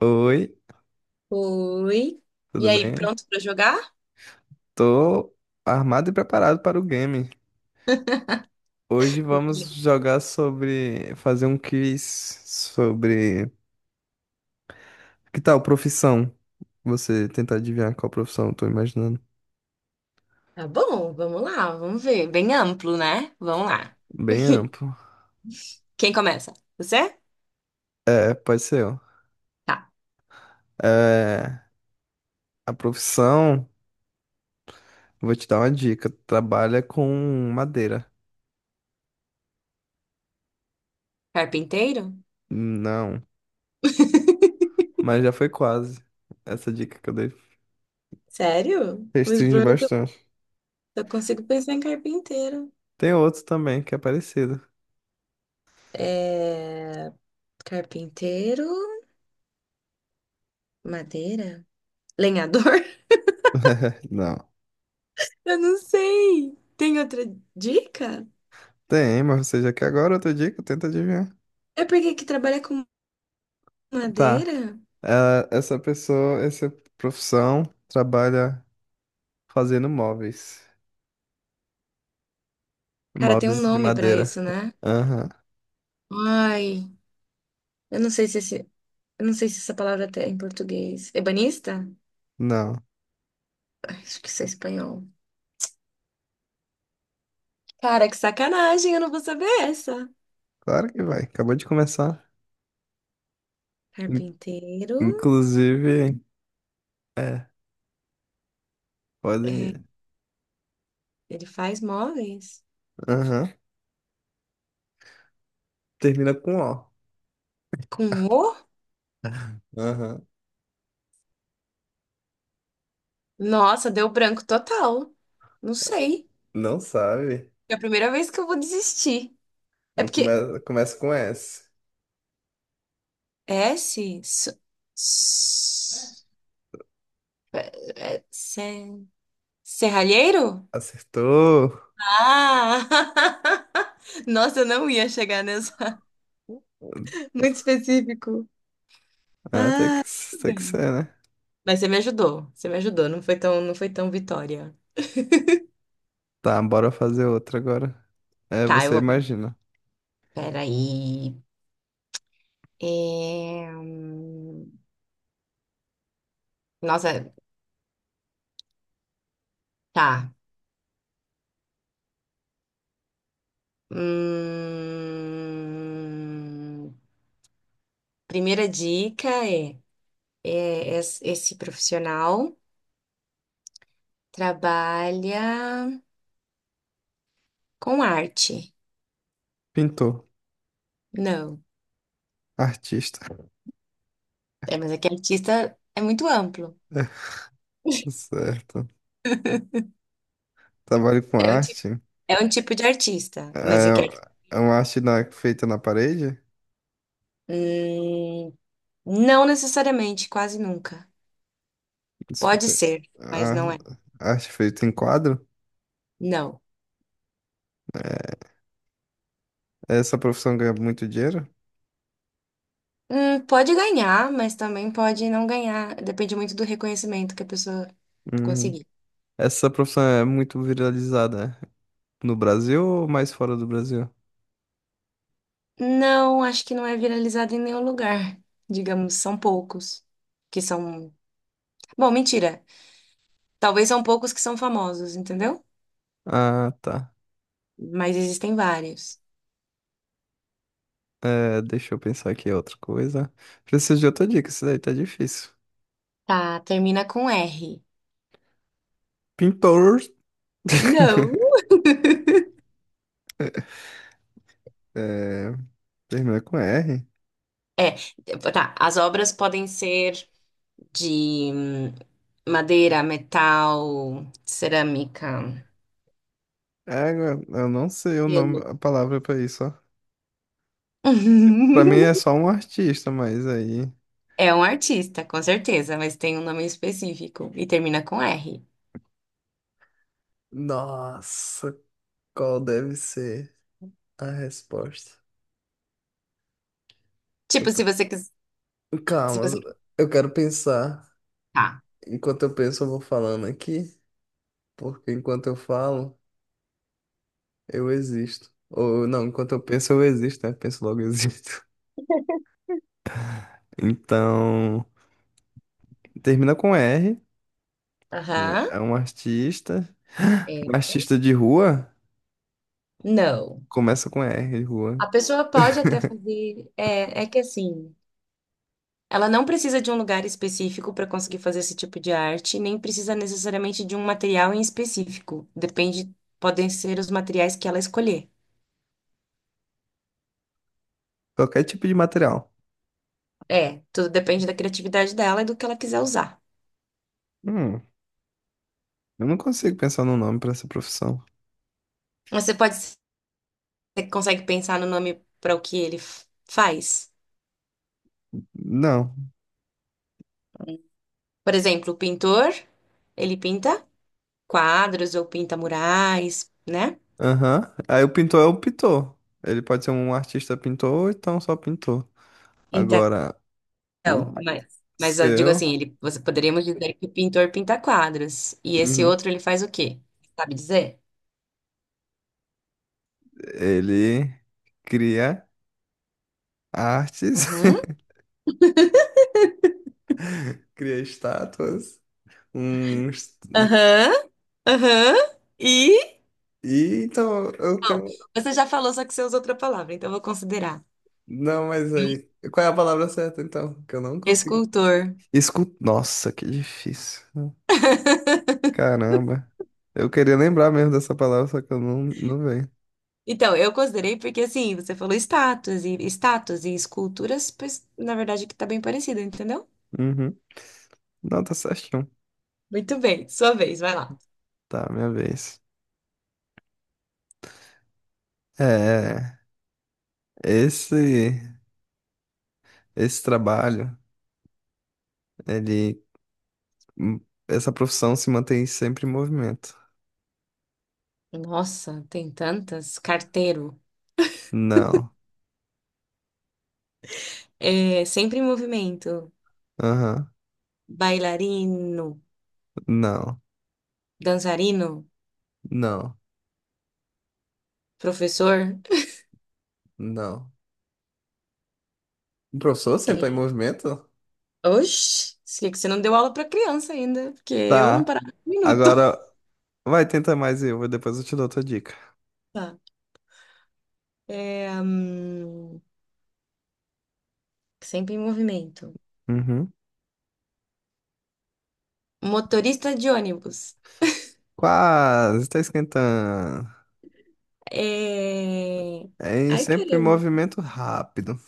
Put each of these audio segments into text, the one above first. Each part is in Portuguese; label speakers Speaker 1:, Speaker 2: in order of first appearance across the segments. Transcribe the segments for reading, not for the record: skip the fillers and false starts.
Speaker 1: Oi,
Speaker 2: Oi. E
Speaker 1: tudo
Speaker 2: aí,
Speaker 1: bem?
Speaker 2: pronto pra jogar?
Speaker 1: Tô armado e preparado para o game. Hoje vamos
Speaker 2: Beleza.
Speaker 1: jogar sobre, fazer um quiz sobre que tal profissão? Você tentar adivinhar qual profissão eu tô imaginando.
Speaker 2: Tá bom, vamos lá, vamos ver. Bem amplo, né? Vamos lá.
Speaker 1: Bem amplo.
Speaker 2: Quem começa? Você?
Speaker 1: É, pode ser, ó.
Speaker 2: Tá.
Speaker 1: É, a profissão, vou te dar uma dica, trabalha com madeira.
Speaker 2: Carpinteiro?
Speaker 1: Não, mas já foi quase. Essa dica que eu dei.
Speaker 2: Sério? Mas o
Speaker 1: Restringe
Speaker 2: problema é que eu
Speaker 1: bastante.
Speaker 2: só consigo pensar em carpinteiro.
Speaker 1: Tem outro também que é parecido.
Speaker 2: É... Carpinteiro, madeira, lenhador?
Speaker 1: Não.
Speaker 2: Eu não sei. Tem outra dica?
Speaker 1: Tem, mas você já quer agora outra dica? Tenta adivinhar.
Speaker 2: É porque que trabalha com
Speaker 1: Tá.
Speaker 2: madeira?
Speaker 1: Ah, essa pessoa, essa profissão trabalha fazendo móveis.
Speaker 2: Cara, tem um
Speaker 1: Móveis de
Speaker 2: nome pra
Speaker 1: madeira.
Speaker 2: isso, né?
Speaker 1: Aham.
Speaker 2: Ai, eu não sei se esse... Eu não sei se essa palavra até é em português. Ebanista?
Speaker 1: Não.
Speaker 2: Acho que isso é espanhol. Cara, que sacanagem, eu não vou saber essa.
Speaker 1: Claro que vai. Acabou de começar. In-
Speaker 2: Carpinteiro,
Speaker 1: Inclusive, é, podem
Speaker 2: é,
Speaker 1: ir.
Speaker 2: ele faz móveis.
Speaker 1: Aham. Termina com O.
Speaker 2: Com o?
Speaker 1: Aham.
Speaker 2: Nossa, deu branco total. Não sei.
Speaker 1: Não sabe.
Speaker 2: É a primeira vez que eu vou desistir. É
Speaker 1: Então
Speaker 2: porque
Speaker 1: Começa com S.
Speaker 2: S, s, s- é, é, se- serralheiro?
Speaker 1: Acertou.
Speaker 2: Ah! Nossa, eu não ia chegar nessa. Muito específico.
Speaker 1: É, tem que,
Speaker 2: Tudo
Speaker 1: tem que
Speaker 2: bem.
Speaker 1: ser, né?
Speaker 2: Mas você me ajudou. Você me ajudou. Não foi tão vitória.
Speaker 1: Tá, bora fazer outra agora. É,
Speaker 2: Tá, eu
Speaker 1: você
Speaker 2: vou.
Speaker 1: imagina.
Speaker 2: Peraí. É... hum, Nossa, tá. Hum, Primeira dica é, esse profissional trabalha com arte.
Speaker 1: Pintor.
Speaker 2: Não.
Speaker 1: Artista.
Speaker 2: É, mas é que artista é muito amplo.
Speaker 1: Certo. Trabalho com
Speaker 2: É um, ti-
Speaker 1: arte.
Speaker 2: É um tipo de artista, mas é que.
Speaker 1: É, é uma feita na parede?
Speaker 2: Hum, não necessariamente, quase nunca.
Speaker 1: Isso
Speaker 2: Pode
Speaker 1: fe-
Speaker 2: ser, mas não
Speaker 1: a-
Speaker 2: é.
Speaker 1: Arte feita em quadro?
Speaker 2: Não.
Speaker 1: Essa profissão ganha muito dinheiro?
Speaker 2: Pode ganhar, mas também pode não ganhar. Depende muito do reconhecimento que a pessoa
Speaker 1: Uhum.
Speaker 2: conseguir.
Speaker 1: Essa profissão é muito viralizada, né? No Brasil ou mais fora do Brasil?
Speaker 2: Não, acho que não é viralizado em nenhum lugar. Digamos, são poucos que são. Bom, mentira. Talvez são poucos que são famosos, entendeu?
Speaker 1: Ah, tá.
Speaker 2: Mas existem vários.
Speaker 1: É, deixa eu pensar aqui outra coisa. Preciso de outra dica, isso daí tá difícil.
Speaker 2: Tá, termina com R.
Speaker 1: Pintor.
Speaker 2: Não.
Speaker 1: É, termina com R.
Speaker 2: É, tá. As obras podem ser de madeira, metal, cerâmica.
Speaker 1: Égua, eu não sei o nome,
Speaker 2: Pelo.
Speaker 1: a palavra pra isso, ó. Pra mim é só um artista, mas aí.
Speaker 2: É um artista, com certeza, mas tem um nome específico e termina com R.
Speaker 1: Nossa, qual deve ser a resposta? eu
Speaker 2: Tipo,
Speaker 1: pre-
Speaker 2: se você quiser. Se
Speaker 1: Calma,
Speaker 2: você.
Speaker 1: eu quero pensar.
Speaker 2: Tá.
Speaker 1: Enquanto eu penso, eu vou falando aqui, porque enquanto eu falo, eu existo. Ou não, enquanto eu penso, eu existo, né? Penso logo, eu existo. Então. Termina com R.
Speaker 2: Aham.
Speaker 1: É um artista.
Speaker 2: É.
Speaker 1: Um artista de rua,
Speaker 2: Não.
Speaker 1: começa com R, de rua.
Speaker 2: A pessoa pode até fazer. É que assim. Ela não precisa de um lugar específico para conseguir fazer esse tipo de arte, nem precisa necessariamente de um material em específico. Depende. Podem ser os materiais que ela escolher.
Speaker 1: Qualquer tipo de material.
Speaker 2: É, tudo depende da criatividade dela e do que ela quiser usar.
Speaker 1: Hum. Eu não consigo pensar num nome pra essa profissão.
Speaker 2: Você pode Você consegue pensar no nome para o que ele faz?
Speaker 1: Não.
Speaker 2: Por exemplo, o pintor, ele pinta quadros ou pinta murais, né?
Speaker 1: Aham. Aí o pintor é o pintor. Ele pode ser um artista pintor ou então só pintor.
Speaker 2: Então,
Speaker 1: Agora, o
Speaker 2: mas eu digo
Speaker 1: seu,
Speaker 2: assim, você poderíamos dizer que o pintor pinta quadros. E esse
Speaker 1: uhum,
Speaker 2: outro, ele faz o quê? Sabe dizer?
Speaker 1: ele cria artes,
Speaker 2: Uhum.
Speaker 1: cria estátuas, uns...
Speaker 2: Aham. Aham. E?
Speaker 1: E então eu
Speaker 2: Bom,
Speaker 1: tenho.
Speaker 2: você já falou, só que você usou outra palavra, então eu vou considerar.
Speaker 1: Não, mas
Speaker 2: É um
Speaker 1: aí. Qual é a palavra certa então? Que eu não consigo.
Speaker 2: escultor.
Speaker 1: Escu... Nossa, que difícil. Caramba. Eu queria lembrar mesmo dessa palavra, só que eu não, não vejo.
Speaker 2: Então, eu considerei porque, assim, você falou estátuas e esculturas, pois, na verdade, que tá bem parecido, entendeu?
Speaker 1: Uhum. Não, tá certinho.
Speaker 2: Muito bem, sua vez, vai lá.
Speaker 1: Tá, minha vez. É, esse, esse trabalho, ele, hum, essa profissão se mantém sempre em movimento.
Speaker 2: Nossa, tem tantas. Carteiro.
Speaker 1: Não,
Speaker 2: É, sempre em movimento.
Speaker 1: aham,
Speaker 2: Bailarino.
Speaker 1: não,
Speaker 2: Dançarino.
Speaker 1: não,
Speaker 2: Professor.
Speaker 1: não. O professor sempre tá em
Speaker 2: É,
Speaker 1: movimento?
Speaker 2: oxi, sei que você não deu aula pra criança ainda, porque eu não
Speaker 1: Tá,
Speaker 2: parava um minuto.
Speaker 1: agora vai tentar mais eu, depois eu te dou outra dica.
Speaker 2: Tá. É, hum, sempre em movimento.
Speaker 1: Uhum.
Speaker 2: Motorista de ônibus.
Speaker 1: Quase, tá esquentando.
Speaker 2: É...
Speaker 1: É em
Speaker 2: Ai,
Speaker 1: sempre em
Speaker 2: caramba.
Speaker 1: movimento rápido.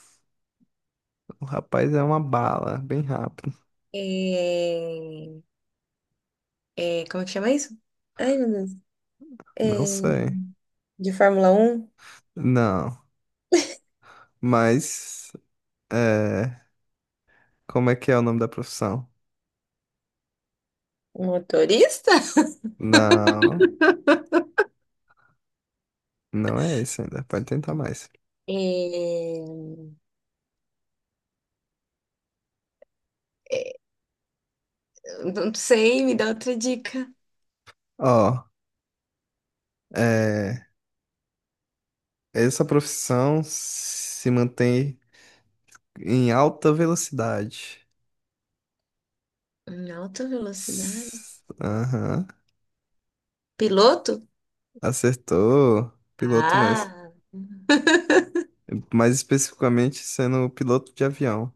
Speaker 1: O rapaz é uma bala, bem rápido.
Speaker 2: É, como é que chama isso? Ai, meu Deus. É,
Speaker 1: Não sei.
Speaker 2: de Fórmula 1,
Speaker 1: Não, mas É, como é que é o nome da profissão?
Speaker 2: um motorista?
Speaker 1: Não, não é esse ainda. Pode tentar mais.
Speaker 2: É, é, não sei, me dá outra dica.
Speaker 1: Ó, é, essa profissão se mantém em alta velocidade.
Speaker 2: Em alta velocidade?
Speaker 1: Aham,
Speaker 2: Piloto?
Speaker 1: acertou. Piloto mesmo.
Speaker 2: Ah!
Speaker 1: Mais especificamente sendo piloto de avião.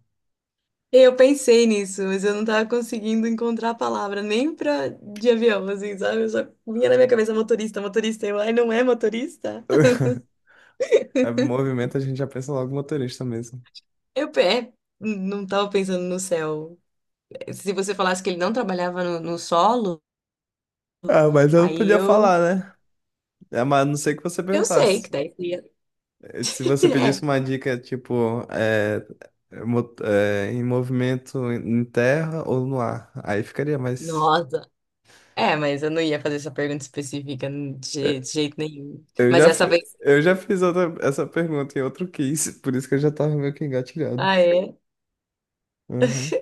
Speaker 2: Eu pensei nisso, mas eu não tava conseguindo encontrar a palavra nem pra de avião, assim, sabe? Eu só vinha na minha cabeça motorista, motorista. Ai, não é motorista?
Speaker 1: É, movimento a gente já pensa logo motorista mesmo.
Speaker 2: Eu pe- é, não tava pensando no céu. Se você falasse que ele não trabalhava no solo,
Speaker 1: Ah, mas eu não
Speaker 2: aí
Speaker 1: podia
Speaker 2: eu,
Speaker 1: falar, né? É, mas a não sei que você
Speaker 2: eu sei
Speaker 1: perguntasse.
Speaker 2: que daí você ia.
Speaker 1: Se você pedisse
Speaker 2: É,
Speaker 1: uma dica, tipo, em movimento em terra ou no ar, aí ficaria mais.
Speaker 2: nossa. É, mas eu não ia fazer essa pergunta específica de jeito nenhum. Mas essa vez.
Speaker 1: Eu já fiz essa pergunta em outro quiz, por isso que eu já tava meio que engatilhado.
Speaker 2: Ah, é?
Speaker 1: Uhum.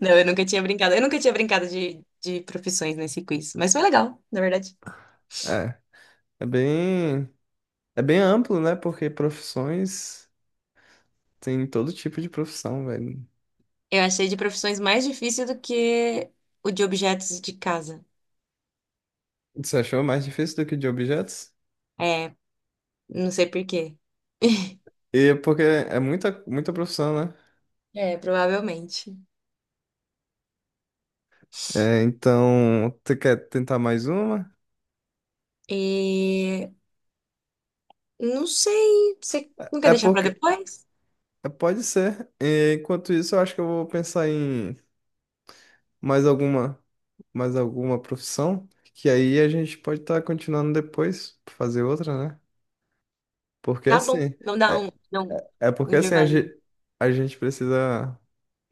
Speaker 2: Não, eu nunca tinha brincado. Eu nunca tinha brincado de profissões nesse quiz. Mas foi legal, na verdade.
Speaker 1: É, é bem, é bem amplo, né? Porque profissões tem todo tipo de profissão, velho.
Speaker 2: Eu achei de profissões mais difícil do que o de objetos de casa.
Speaker 1: Você achou mais difícil do que de objetos?
Speaker 2: É, não sei por quê.
Speaker 1: E porque é muita profissão, né?
Speaker 2: É, provavelmente.
Speaker 1: É, então, você quer tentar mais uma?
Speaker 2: E não sei. Você não
Speaker 1: É
Speaker 2: quer
Speaker 1: é
Speaker 2: deixar pra
Speaker 1: porque
Speaker 2: depois?
Speaker 1: Pode ser. E, enquanto isso, eu acho que eu vou pensar em mais alguma, mais alguma profissão, que aí a gente pode estar continuando depois, fazer outra, né? Porque
Speaker 2: Tá bom.
Speaker 1: assim,
Speaker 2: Vamos dar um,
Speaker 1: é,
Speaker 2: dar um
Speaker 1: é
Speaker 2: um
Speaker 1: porque assim a
Speaker 2: intervalinho.
Speaker 1: gente, a gente precisa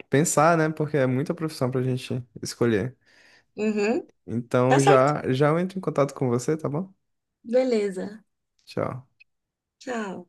Speaker 1: pensar, né? Porque é muita profissão pra gente escolher.
Speaker 2: Uhum. Tá
Speaker 1: Então
Speaker 2: certo.
Speaker 1: já já eu entro em contato com você, tá bom?
Speaker 2: Beleza.
Speaker 1: Tchau.
Speaker 2: Tchau.